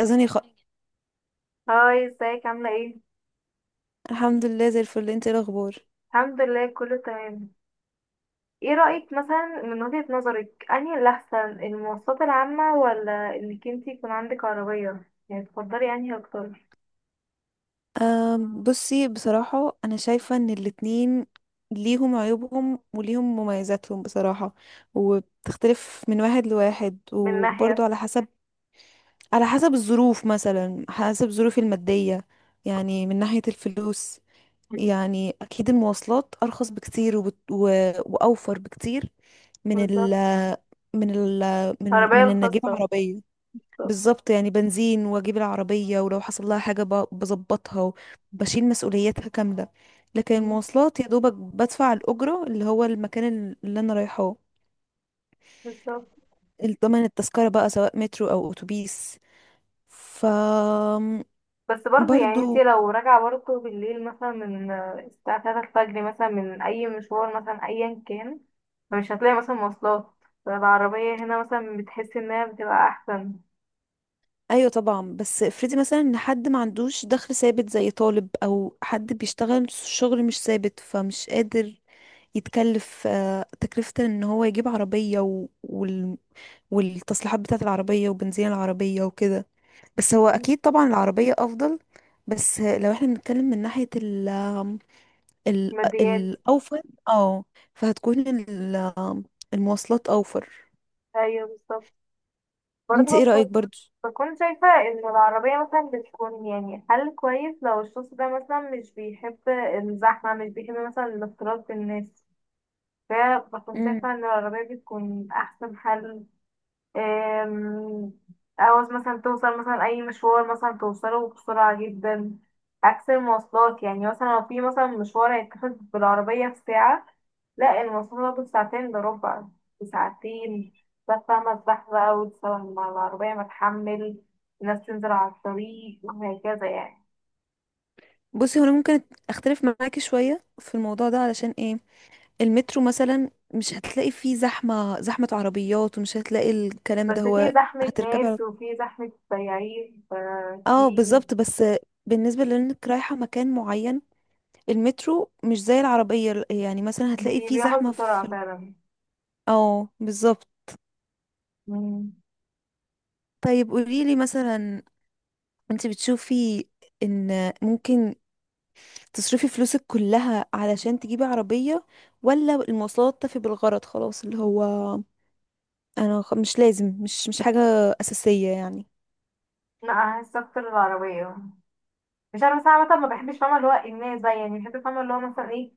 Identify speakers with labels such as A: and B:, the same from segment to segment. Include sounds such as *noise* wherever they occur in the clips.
A: اذاني خ...
B: هاي، ازيك؟ عاملة ايه؟
A: الحمد لله زي الفل، انت إيه الاخبار؟
B: الحمد لله، كله تمام. ايه رأيك مثلا، من وجهة نظرك، انهي الأحسن، المواصلات العامة ولا انك انتي يكون عندك عربية؟ يعني تفضلي انهي أكتر؟
A: بصي بصراحه، انا شايفه ان الاتنين ليهم عيوبهم وليهم مميزاتهم بصراحه، وبتختلف من واحد لواحد،
B: من
A: وبرضه
B: ناحية.
A: على حسب الظروف، مثلا حسب ظروفي الماديه. يعني من ناحيه الفلوس، يعني اكيد المواصلات ارخص بكتير واوفر بكتير من ال
B: بالظبط.
A: من ال
B: العربية
A: من ان اجيب
B: الخاصة.
A: عربيه.
B: بالظبط.
A: بالظبط، يعني بنزين واجيب العربية، ولو حصل لها حاجة بظبطها وبشيل مسؤولياتها كاملة. لكن
B: مم.
A: المواصلات يا دوبك بدفع الأجرة، اللي هو المكان اللي أنا رايحاه،
B: بالظبط.
A: الضمان التذكرة بقى سواء مترو أو أتوبيس. ف
B: بس برضه يعني
A: برضو.
B: انتي لو راجعة برضه بالليل مثلا من الساعة 3 الفجر مثلا من أي مشوار مثلا أيا كان، فمش هتلاقي مثلا مواصلات. فالعربية هنا مثلا بتحسي انها بتبقى أحسن.
A: أيوة طبعا، بس افرضي مثلا إن حد ما عندوش دخل ثابت زي طالب أو حد بيشتغل شغل مش ثابت، فمش قادر يتكلف تكلفة إن هو يجيب عربية، والتصليحات بتاعة العربية وبنزين العربية وكده. بس هو
B: مم.
A: أكيد طبعا العربية أفضل. بس لو احنا بنتكلم من ناحية ال
B: ماديات.
A: الأوفر. اه. فهتكون ال- المواصلات أوفر.
B: ايوه بالظبط. برضه
A: انت ايه
B: بكون
A: رأيك برضو؟
B: بكون شايفة ان العربية مثلا بتكون يعني حل كويس، لو الشخص ده مثلا مش بيحب الزحمة، مش بيحب مثلا الاختلاط بالناس، فبكون
A: مم.
B: شايفة ان العربية بتكون احسن حل. أم، عاوز مثلا توصل مثلا أي مشوار مثلا توصله بسرعة جدا، عكس المواصلات. يعني مثلا لو في مثلا مشوار هيتاخد بالعربية في ساعة، لا، المواصلات هتاخد ساعتين إلا ربع. ساعتين. بس فاهمة الزحمة بقى، وتسوي مع العربية ما تحمل، الناس تنزل على الطريق وهكذا يعني.
A: بصي هو انا ممكن اختلف معاكي شوية في الموضوع ده. علشان ايه؟ المترو مثلا مش هتلاقي فيه زحمة، زحمة عربيات، ومش هتلاقي الكلام
B: بس
A: ده.
B: في
A: هو
B: زحمة
A: هتركبي على...
B: ناس وفي زحمة سياحين،
A: اه
B: ففي.
A: بالظبط، بس بالنسبة لانك رايحة مكان معين، المترو مش زي العربية، يعني مثلا هتلاقي فيه
B: بياخد
A: زحمة
B: بسرعة
A: في...
B: فعلا.
A: اه بالظبط.
B: مم.
A: طيب قوليلي مثلا، انت بتشوفي ان ممكن تصرفي فلوسك كلها علشان تجيبي عربية، ولا المواصلات تفي بالغرض خلاص، اللي هو مش لازم، مش حاجة أساسية يعني؟
B: لا، أحس أكتر العربية. مش عارفه صراحه، مثلا ما بحبش، فاهمه اللي هو الناس بقى، يعني بحب فاهمه اللي هو مثلا ايه،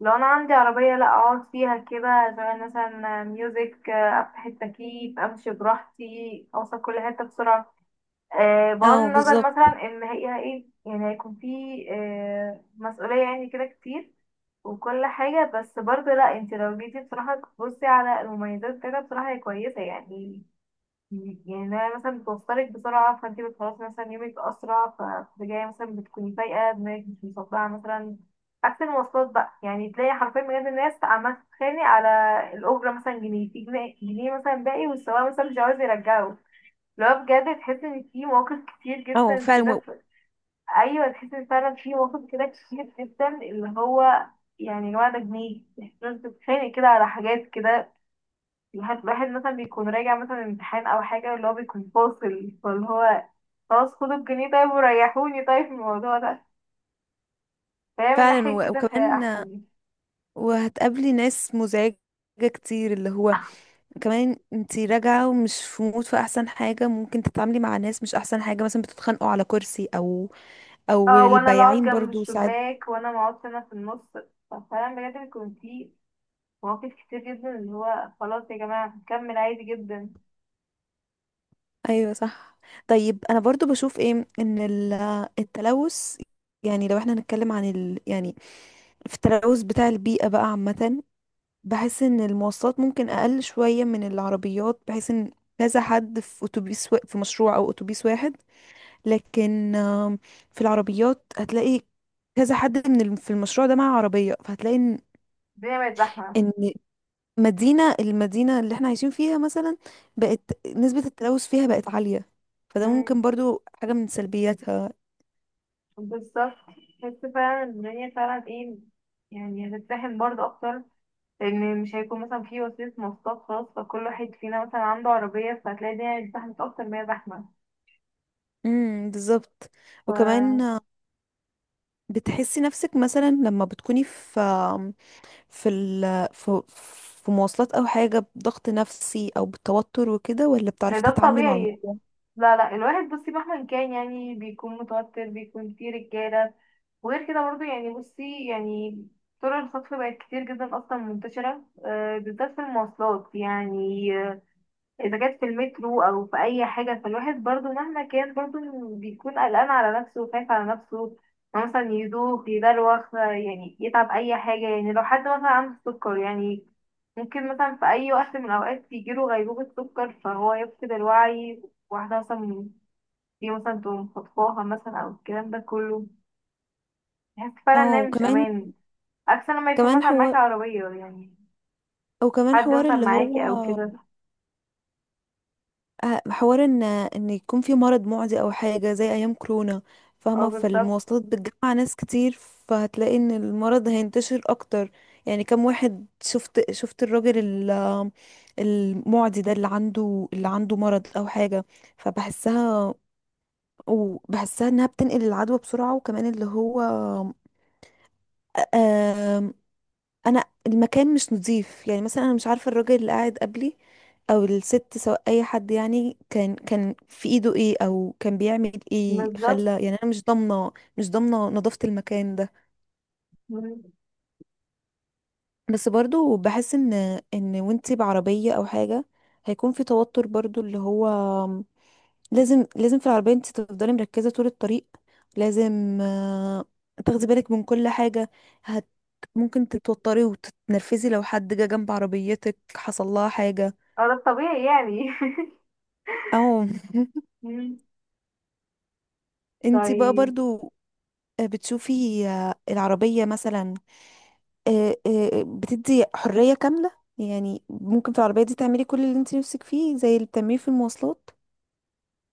B: لو انا عندي عربيه لا اقعد فيها كده، اشغل مثلا ميوزك، افتح التكييف، امشي براحتي، اوصل كل حته بسرعه. أه بغض
A: اه
B: النظر
A: بالظبط.
B: مثلا ان هي ايه، يعني هيكون في أه مسؤوليه يعني كده كتير وكل حاجه. بس برضه لا، انت لو جيتي بصراحه تبصي على المميزات كده بصراحه هي كويسه يعني. يعني انها مثلا بتوصلك بسرعة، فانت بتخلصي مثلا يومك أسرع، فبترجعي مثلا بتكوني فايقة دماغك، مش مصدعة مثلا. عكس المواصلات بقى، يعني تلاقي حرفيا بجد الناس عمالة تتخانق على الأجرة مثلا، جنيه في جنيه، جنيه مثلا باقي والسواق مثلا مش عاوز يرجعه. اللي هو بجد تحس ان في مواقف كتير
A: اه
B: جدا
A: فعلا
B: كده
A: و-
B: في. ايوه، تحس ان فعلا في مواقف كده كتير جدا اللي هو، يعني الواد ده جنيه، تحس إن أنت بتتخانق كده على حاجات كده. الواحد الواحد مثلا بيكون راجع مثلا امتحان او حاجة، اللي هو بيكون فاصل، فاللي هو خلاص، خدوا الجنيه طيب وريحوني طيب من الموضوع ده. فهي من ناحية كده فهي احسن
A: وكمان
B: لي.
A: وهتقابلي ناس مزعجة كتير، اللي هو كمان انتي راجعة ومش في مود، في احسن حاجة ممكن تتعاملي مع ناس؟ مش احسن حاجة، مثلا بتتخانقوا على كرسي او
B: اه، وانا اللي اقعد
A: البياعين
B: جنب
A: برضو ساعات.
B: الشباك، وانا ما اقعدش انا في النص. ففعلا بجد بيكون في مواقف كتير جدا اللي هو خلاص يا جماعة هنكمل عادي جدا.
A: ايوه صح. طيب انا برضو بشوف ايه، ان التلوث، يعني لو احنا هنتكلم عن ال... يعني في التلوث بتاع البيئة بقى عامة، بحس ان المواصلات ممكن اقل شوية من العربيات، بحيث ان كذا حد في اتوبيس في مشروع او اتوبيس واحد، لكن في العربيات هتلاقي كذا حد في المشروع ده معاه عربية، فهتلاقي ان...
B: الدنيا بقت زحمة.
A: إن المدينة اللي احنا عايشين فيها مثلا، بقت نسبة التلوث فيها بقت عالية، فده
B: مم،
A: ممكن برضو حاجة من سلبياتها.
B: بالظبط. بس فعلا الدنيا فعلا ايه، يعني هتتزاحم برضه اكتر، لان مش هيكون مثلا في وسيله مواصلات خاص، فكل واحد فينا مثلا عنده عربيه، فهتلاقي الدنيا زحمه اكتر ما هي زحمه.
A: بالظبط. وكمان
B: ف.
A: بتحسي نفسك مثلا لما بتكوني في في ال في مواصلات او حاجة، بضغط نفسي او بالتوتر وكده، ولا بتعرفي
B: ده
A: تتعاملي مع
B: الطبيعي.
A: الموضوع؟
B: لا لا، الواحد بصي مهما كان يعني بيكون متوتر، بيكون في رجاله. وغير كده برضو يعني بصي يعني طرق الخطف بقت كتير جدا اصلا منتشره، بالذات في المواصلات يعني، اذا كانت في المترو او في اي حاجه، فالواحد برضو مهما كان برضو بيكون قلقان على نفسه وخايف على نفسه، إنه مثلا يدوخ يدلوخ، يعني يتعب اي حاجه. يعني لو حد مثلا عنده سكر، يعني ممكن مثلا في اي وقت من الاوقات يجيله غيبوبه سكر فهو يفقد الوعي. واحده مثلا دي مثلا تقوم خطفاها مثلا او الكلام ده كله. بحس فعلا ان
A: اه
B: هي مش
A: وكمان،
B: امان، عكس لما يكون
A: كمان
B: مثلا معاكي
A: حوار
B: عربيه يعني،
A: وكمان
B: حد
A: حوار
B: مثلا
A: اللي هو
B: معاكي او كده.
A: حوار ان يكون في مرض معدي او حاجه زي ايام كورونا،
B: اه
A: فاهمه.
B: بالظبط.
A: فالمواصلات بتجمع ناس كتير، فهتلاقي ان المرض هينتشر اكتر. يعني كم واحد شفت الراجل المعدي ده اللي عنده مرض او حاجه، فبحسها. وبحسها انها بتنقل العدوى بسرعه. وكمان اللي هو آه، انا المكان مش نظيف. يعني مثلا انا مش عارفه الراجل اللي قاعد قبلي او الست، سواء اي حد، يعني كان في ايده ايه، او كان بيعمل ايه، خلى
B: بالظبط.
A: يعني انا مش ضامنه نظافه المكان ده. بس برضو بحس ان، وانتي بعربيه او حاجه هيكون في توتر برضو، اللي هو لازم، لازم في العربية انت تفضلي مركزة طول الطريق، لازم تاخدي بالك من كل حاجة. هت ممكن تتوتري وتتنرفزي لو حد جه جنب عربيتك حصل لها حاجة،
B: اه، ده الطبيعي يعني.
A: او *laughs*
B: *laughs* مم.
A: انت بقى
B: طيب.
A: برضو، بتشوفي العربية مثلا بتدي حرية كاملة؟ يعني ممكن في العربية دي تعملي كل اللي انت نفسك فيه، زي اللي بتعمليه في المواصلات.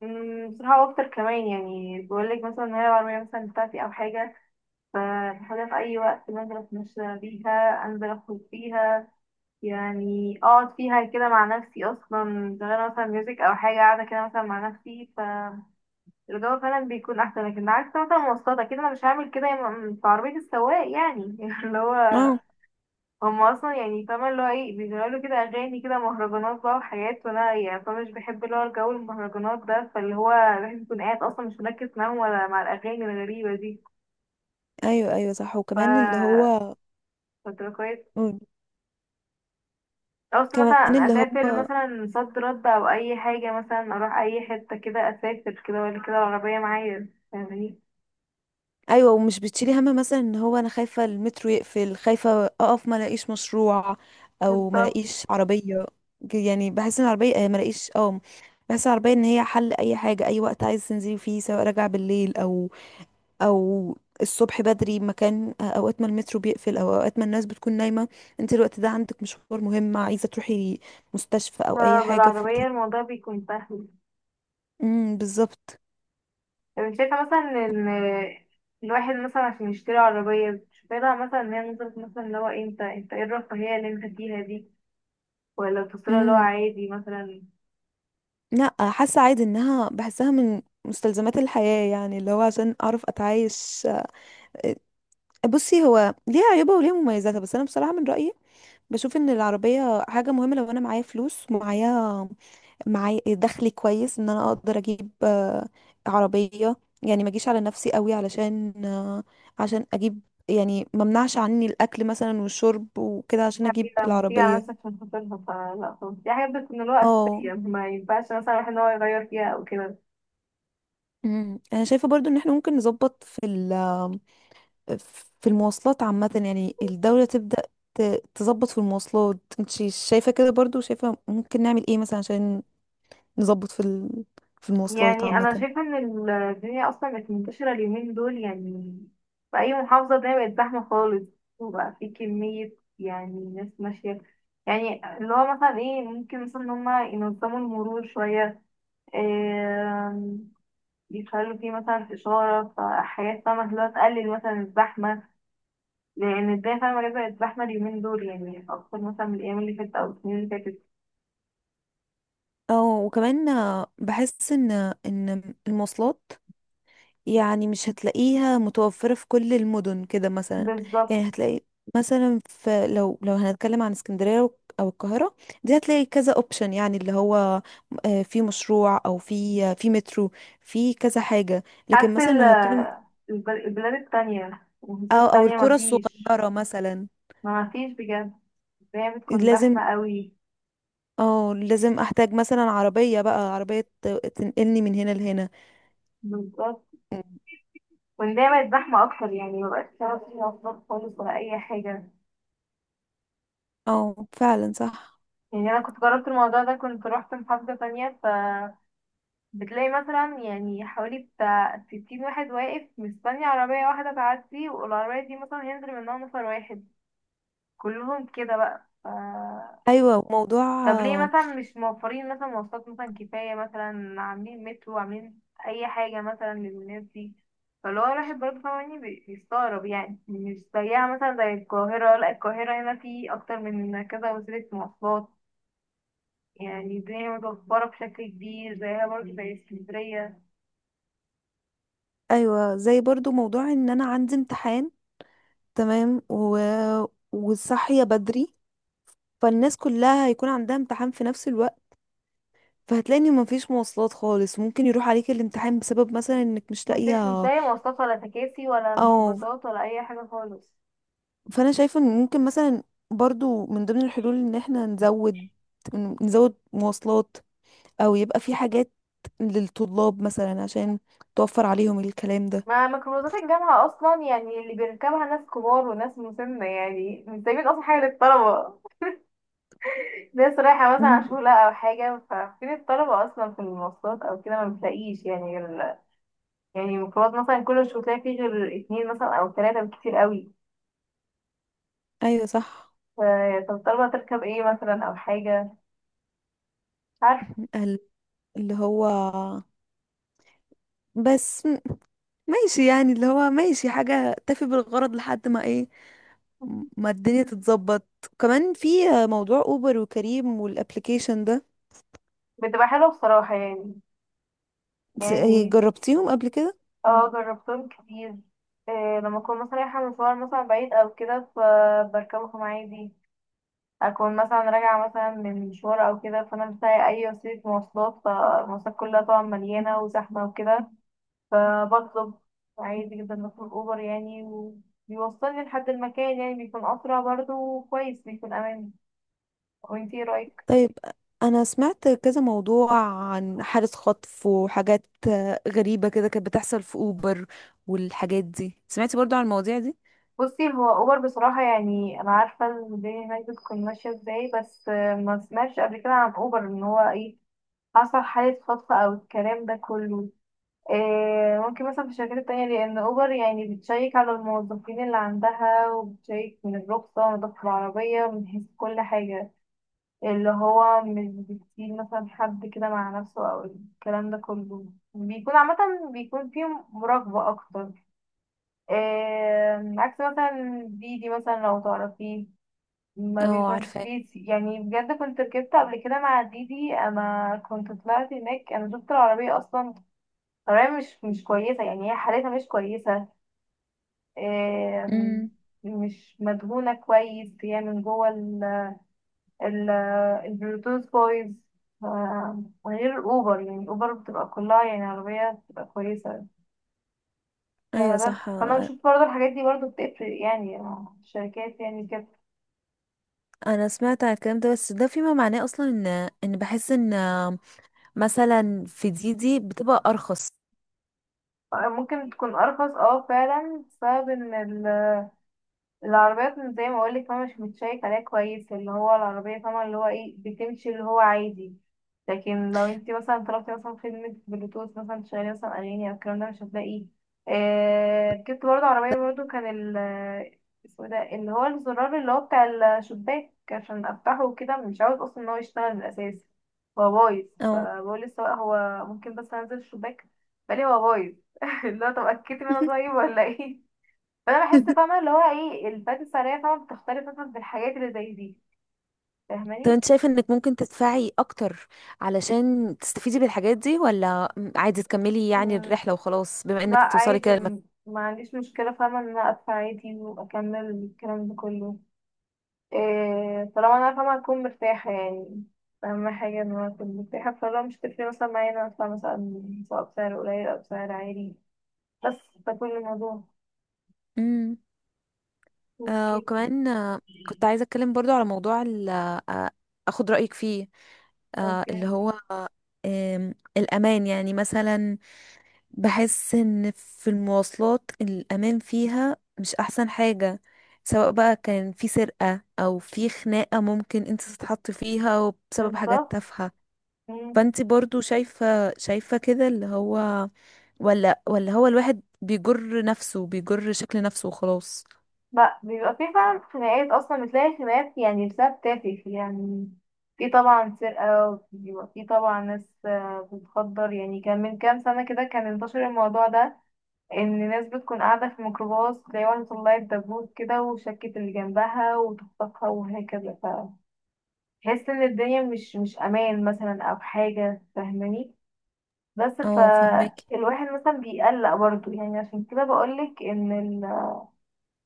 B: بصراحة بفطر كمان، يعني بقولك مثلا إن هي العربية مثلا بتاعتي أو حاجة، فبحاولها في أي وقت، بنزل أتمشى بيها، أنزل أخرج بيها، يعني أقعد فيها كده مع نفسي أصلا، شغالة مثلا ميوزك أو حاجة، قاعدة كده مثلا مع نفسي. فالجو فعلا بيكون أحسن، لكن عكس مثلا مواصلات كده، أنا مش هعمل كده. في عربية السواق يعني *laughs* اللي هو
A: اه،
B: هم اصلا يعني فاهمة اللي هو ايه، بيشغلوا له كده اغاني كده مهرجانات بقى وحاجات، وانا يعني فاهمة مش بحب اللي هو الجو المهرجانات ده، فاللي هو الواحد يكون قاعد اصلا مش مركز معاهم ولا مع الاغاني الغريبة دي.
A: ايوه ايوه صح
B: ف.
A: وكمان اللي هو.
B: فتبقى كويس.
A: مم.
B: قصدي
A: كمان
B: مثلا أنا
A: اللي
B: اسافر
A: هو،
B: مثلا صد رد او اي حاجة، مثلا اروح اي حتة كده اسافر كده ولا كده العربية معايا فاهماني.
A: ايوه ومش بتشيلي هم مثلا ان هو انا خايفه المترو يقفل، خايفه اقف ما الاقيش مشروع او ما
B: بالظبط.
A: الاقيش عربيه. يعني بحس ان العربيه ما الاقيش، اه. بحس العربيه ان هي حل اي حاجه، اي وقت عايز تنزلي فيه، سواء راجعه بالليل او الصبح بدري، مكان اوقات ما المترو بيقفل او اوقات ما الناس بتكون نايمه، انت الوقت ده عندك مشوار مهم عايزه تروحي مستشفى او اي حاجه،
B: فبالعربية
A: فبتحب.
B: الموضوع بيكون سهل.
A: بالظبط.
B: طب انت شايفة مثلا ان الواحد مثلا عشان يشتري عربية، شايفة مثلا ان هي نظرة مثلا اللي هو انت ايه الرفاهية اللي انت فيها دي، ولا بتصيرها اللي هو عادي مثلا؟
A: لا، حاسه عادي، انها بحسها من مستلزمات الحياه، يعني اللي هو عشان اعرف اتعايش. بصي هو ليها عيوبها وليها مميزاتها، بس انا بصراحه من رايي بشوف ان العربيه حاجه مهمه. لو انا معايا فلوس، معايا دخل كويس، ان انا اقدر اجيب عربيه. يعني ما اجيش على نفسي قوي علشان عشان اجيب. يعني ما منعش عني الاكل مثلا والشرب وكده عشان اجيب
B: حبيبة بتيجي على
A: العربيه.
B: نفسك عشان خاطرها؟ فلا خالص، دي حاجات بتكون اللي هو أساسية،
A: اه.
B: ما ينفعش مثلا الواحد ان هو يغير فيها أو كده.
A: انا شايفه برضو ان احنا ممكن نظبط في المواصلات عامة. يعني الدولة تبدأ تظبط في المواصلات. انت شايفة كده برضو؟ شايفة ممكن نعمل ايه مثلا عشان نظبط في ال... في المواصلات
B: يعني انا
A: عامة؟
B: شايفه ان الدنيا اصلا بقت منتشره اليومين دول يعني، في اي محافظه ده بقت زحمه خالص، وبقى في كميه يعني ناس ماشيه. يعني اللي هو مثلا ايه ممكن مثلا ان هما ينظموا المرور شويه، آم، يخلوا فيه مثلا اشاره، فحاجات فاهمه اللي هو تقلل مثلا الزحمه. لان الدنيا فاهمه ليه بقت زحمه اليومين دول يعني اكتر مثلا من الايام اللي فاتت او السنين اللي فاتت.
A: اه وكمان بحس ان المواصلات يعني مش هتلاقيها متوفرة في كل المدن كده مثلا.
B: بالظبط.
A: يعني هتلاقي مثلا في، لو هنتكلم عن اسكندرية او القاهرة، دي هتلاقي كذا اوبشن، يعني اللي هو في مشروع او في في مترو، في كذا حاجة. لكن
B: عكس
A: مثلا لو هتكلم
B: البلاد التانية، المحافظات
A: او
B: التانية،
A: القرى
B: مفيش.
A: الصغيرة مثلا.
B: ما مفيش بجد، الدنيا بتكون
A: لازم.
B: زحمة قوي.
A: اه لازم احتاج مثلا عربية، بقى عربية تنقلني من هنا لهنا.
B: بالظبط. والدنيا بقت زحمة أكتر، يعني مبقاش شغل فيها مواصلات خالص ولا أي حاجة.
A: اه فعلا صح.
B: يعني أنا كنت جربت الموضوع ده، كنت روحت محافظة تانية، فبتلاقي مثلا يعني حوالي بتاع 60 واحد واقف مستني عربية واحدة تعدي، والعربية دي مثلا ينزل منها نفر واحد، كلهم كده بقى.
A: ايوه موضوع،
B: طب ليه
A: آه،
B: مثلا مش موفرين مثلا مواصلات مثلا كفاية، مثلا عاملين مترو، عاملين أي حاجة مثلا للناس دي؟ فاللي هو الواحد برضه فاهماني بيستغرب، يعني مش زيها مثلا زي القاهرة. لا، القاهرة هنا في أكتر من كذا وسيلة مواصلات، يعني الدنيا متوفرة بشكل كبير زيها برضه زي اسكندرية.
A: ايوه زي برضو موضوع ان انا عندي امتحان، تمام. وصاحية بدري، فالناس كلها هيكون عندها امتحان في نفس الوقت، فهتلاقي ان مفيش مواصلات خالص، ممكن يروح عليك الامتحان بسبب مثلا انك مش
B: مفيش، مش
A: لاقيها.
B: لاقي مواصلات ولا تكاسي ولا
A: او
B: ميكروباصات ولا أي حاجة خالص.
A: فانا شايفة ان ممكن مثلا برضو من ضمن الحلول ان احنا نزود مواصلات، او يبقى في حاجات للطلاب مثلا عشان توفر عليهم الكلام ده.
B: ما ميكروباصات الجامعة أصلا يعني اللي بيركبها ناس كبار وناس مسنة، يعني مش سايبين أصلا حاجة للطلبة. ناس رايحة مثلا على
A: مم.
B: شغل أو حاجة، ففين الطلبة أصلا في المواصلات أو كده؟ ما بتلاقيش يعني غير، يعني الميكروباص مثلا كل مش بتلاقي فيه غير 2 مثلا أو 3 بالكتير قوي.
A: ايوه صح.
B: ف- طب الطلبة تركب ايه مثلا أو حاجة؟ مش عارفة.
A: *laughs* ال- اللي هو بس ماشي، يعني اللي هو ماشي حاجة تفي بالغرض لحد ما ايه، ما الدنيا تتظبط. كمان في موضوع اوبر وكريم والابليكيشن ده،
B: بتبقى حلوة بصراحة يعني،
A: س-
B: يعني.
A: جربتيهم قبل كده؟
B: اه، جربتهم كتير. إيه، لما أكون مثلا رايحة مشوار مثلا بعيد أو كده فبركبهم عادي، أكون مثلا راجعة مثلا من مشوار أو كده فأنا مش لاقي أي وسيلة مواصلات، فالمواصلات كلها طبعا مليانة وزحمة وكده، فبطلب عادي جدا، بطلب اوبر يعني، وبيوصلني لحد المكان، يعني بيكون اسرع برضه وكويس، بيكون امان. وانتي ايه رايك؟
A: طيب، انا سمعت كذا موضوع عن حالة خطف وحاجات غريبة كده كانت بتحصل في اوبر، والحاجات دي سمعتي برضو عن المواضيع دي؟
B: بصي، هو اوبر بصراحه يعني انا عارفه الدنيا هناك بتكون ماشيه ازاي، بس ما سمعتش قبل كده عن اوبر ان هو ايه، حصل حاله خطف او الكلام ده كله. إيه، ممكن مثلا في الشركات التانية، لأن أوبر يعني بتشيك على الموظفين اللي عندها، وبتشيك من الرخصة ونظافة العربية من حيث كل حاجة، اللي هو مش بيسيب مثلا حد كده مع نفسه او الكلام ده كله، بيكون عامة بيكون فيهم مراقبة اكتر. عكس مثلا ديدي مثلا لو تعرفيه، ما
A: اه
B: بيكونش
A: عارفاه.
B: فيه يعني بجد كنت ركبت قبل كده مع ديدي، انا كنت طلعت هناك، انا شفت العربية اصلا. العربية مش كويسة، يعني هي حالتها مش كويسة. آم،
A: امم
B: مش مدهونة كويس هي من جوه ال- البلوتوث بويز. غير اوبر، يعني اوبر بتبقى كلها يعني عربية بتبقى كويسة.
A: ايوه
B: فده
A: صح.
B: فانا بشوف برضه الحاجات دي برضه بتفرق يعني، الشركات يعني كده.
A: انا سمعت عن الكلام ده، بس ده فيما معناه اصلا ان بحس ان مثلا في دي دي بتبقى ارخص.
B: ممكن تكون ارخص، اه فعلا، بسبب ان العربيات زي ما اقولك فاهمة مش متشيك عليها كويس، اللي هو العربية فاهمة اللي هو ايه بتمشي اللي هو عادي. لكن لو انت مثلا طلبتي مثلا خدمة بلوتوث مثلا تشغلي مثلا أغاني أو الكلام ده، مش هتلاقيه. ركبت برضه عربية برضه كان ال آه، اسمه ده اللي هو الزرار اللي هو بتاع الشباك عشان أفتحه وكده، مش عاوز أصلا إن هو يشتغل من الأساس، هو بايظ.
A: اه.
B: فبقول للسواق هو ممكن بس أنزل الشباك؟ فقال لي هو بايظ. *laughs* اللي هو طب أكدتي منه طيب ولا ايه؟ فانا بحس
A: *laughs*
B: فاهمه اللي هو ايه، الفات السعريه فاهمه بتختلف مثلا في الحاجات اللي زي دي.
A: طب
B: فاهماني.
A: انت شايفة انك ممكن تدفعي اكتر علشان تستفيدي بالحاجات دي، ولا عادي تكملي يعني
B: مم،
A: الرحلة وخلاص بما
B: لا
A: انك توصلي
B: عادي،
A: كده لمكان؟
B: ما عنديش مشكله، فاهمه ان انا ادفع عادي واكمل الكلام ده كله. إيه، طالما انا فاهمه هكون مرتاحه يعني. اهم حاجه ان انا اكون مرتاحه، فلو مش تفرق مثلا معايا ان انا ادفع مثلا سواء بسعر قليل او بسعر عالي، بس ده كل الموضوع.
A: امم. آه
B: اوكي.
A: وكمان آه كنت عايزة اتكلم برضو على موضوع اخد رأيك فيه، اللي
B: اوكي،
A: هو آه آم، الامان، يعني مثلا بحس ان في المواصلات الامان فيها مش احسن حاجة، سواء بقى كان في سرقة او في خناقة ممكن انت تتحطي فيها بسبب حاجات
B: بالظبط.
A: تافهة. فانت برضو شايفة كده، اللي هو ولا هو الواحد بيجر نفسه، بيجر شكل نفسه وخلاص؟
B: لا، بيبقى في فعلا خناقات اصلا، بتلاقي خناقات يعني بسبب تافه يعني. في طبعا سرقة، وبيبقى في طبعا ناس بتخدر، يعني كان من كام سنة كده كان انتشر الموضوع ده، ان ناس بتكون قاعدة في ميكروباص تلاقي واحدة طلعت دبوس كده وشكت اللي جنبها وتخطفها وهكذا. فتحس ان الدنيا مش امان مثلا او حاجة فاهماني. بس
A: اه فهماكي.
B: فالواحد مثلا بيقلق برضه، يعني عشان كده بقولك ان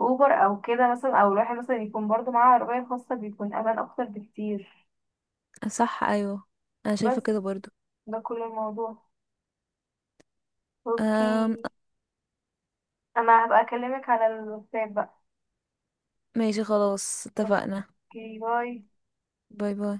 B: اوبر او كده مثلا، او الواحد مثلا يكون برضو معاه عربية خاصة، بيكون امان اكتر بكتير.
A: صح ايوه، انا شايفة كده
B: بس
A: برضو.
B: ده كل الموضوع.
A: أم
B: اوكي. انا هبقى اكلمك على الواتساب بقى.
A: ماشي خلاص، اتفقنا.
B: اوكي، باي.
A: باي باي.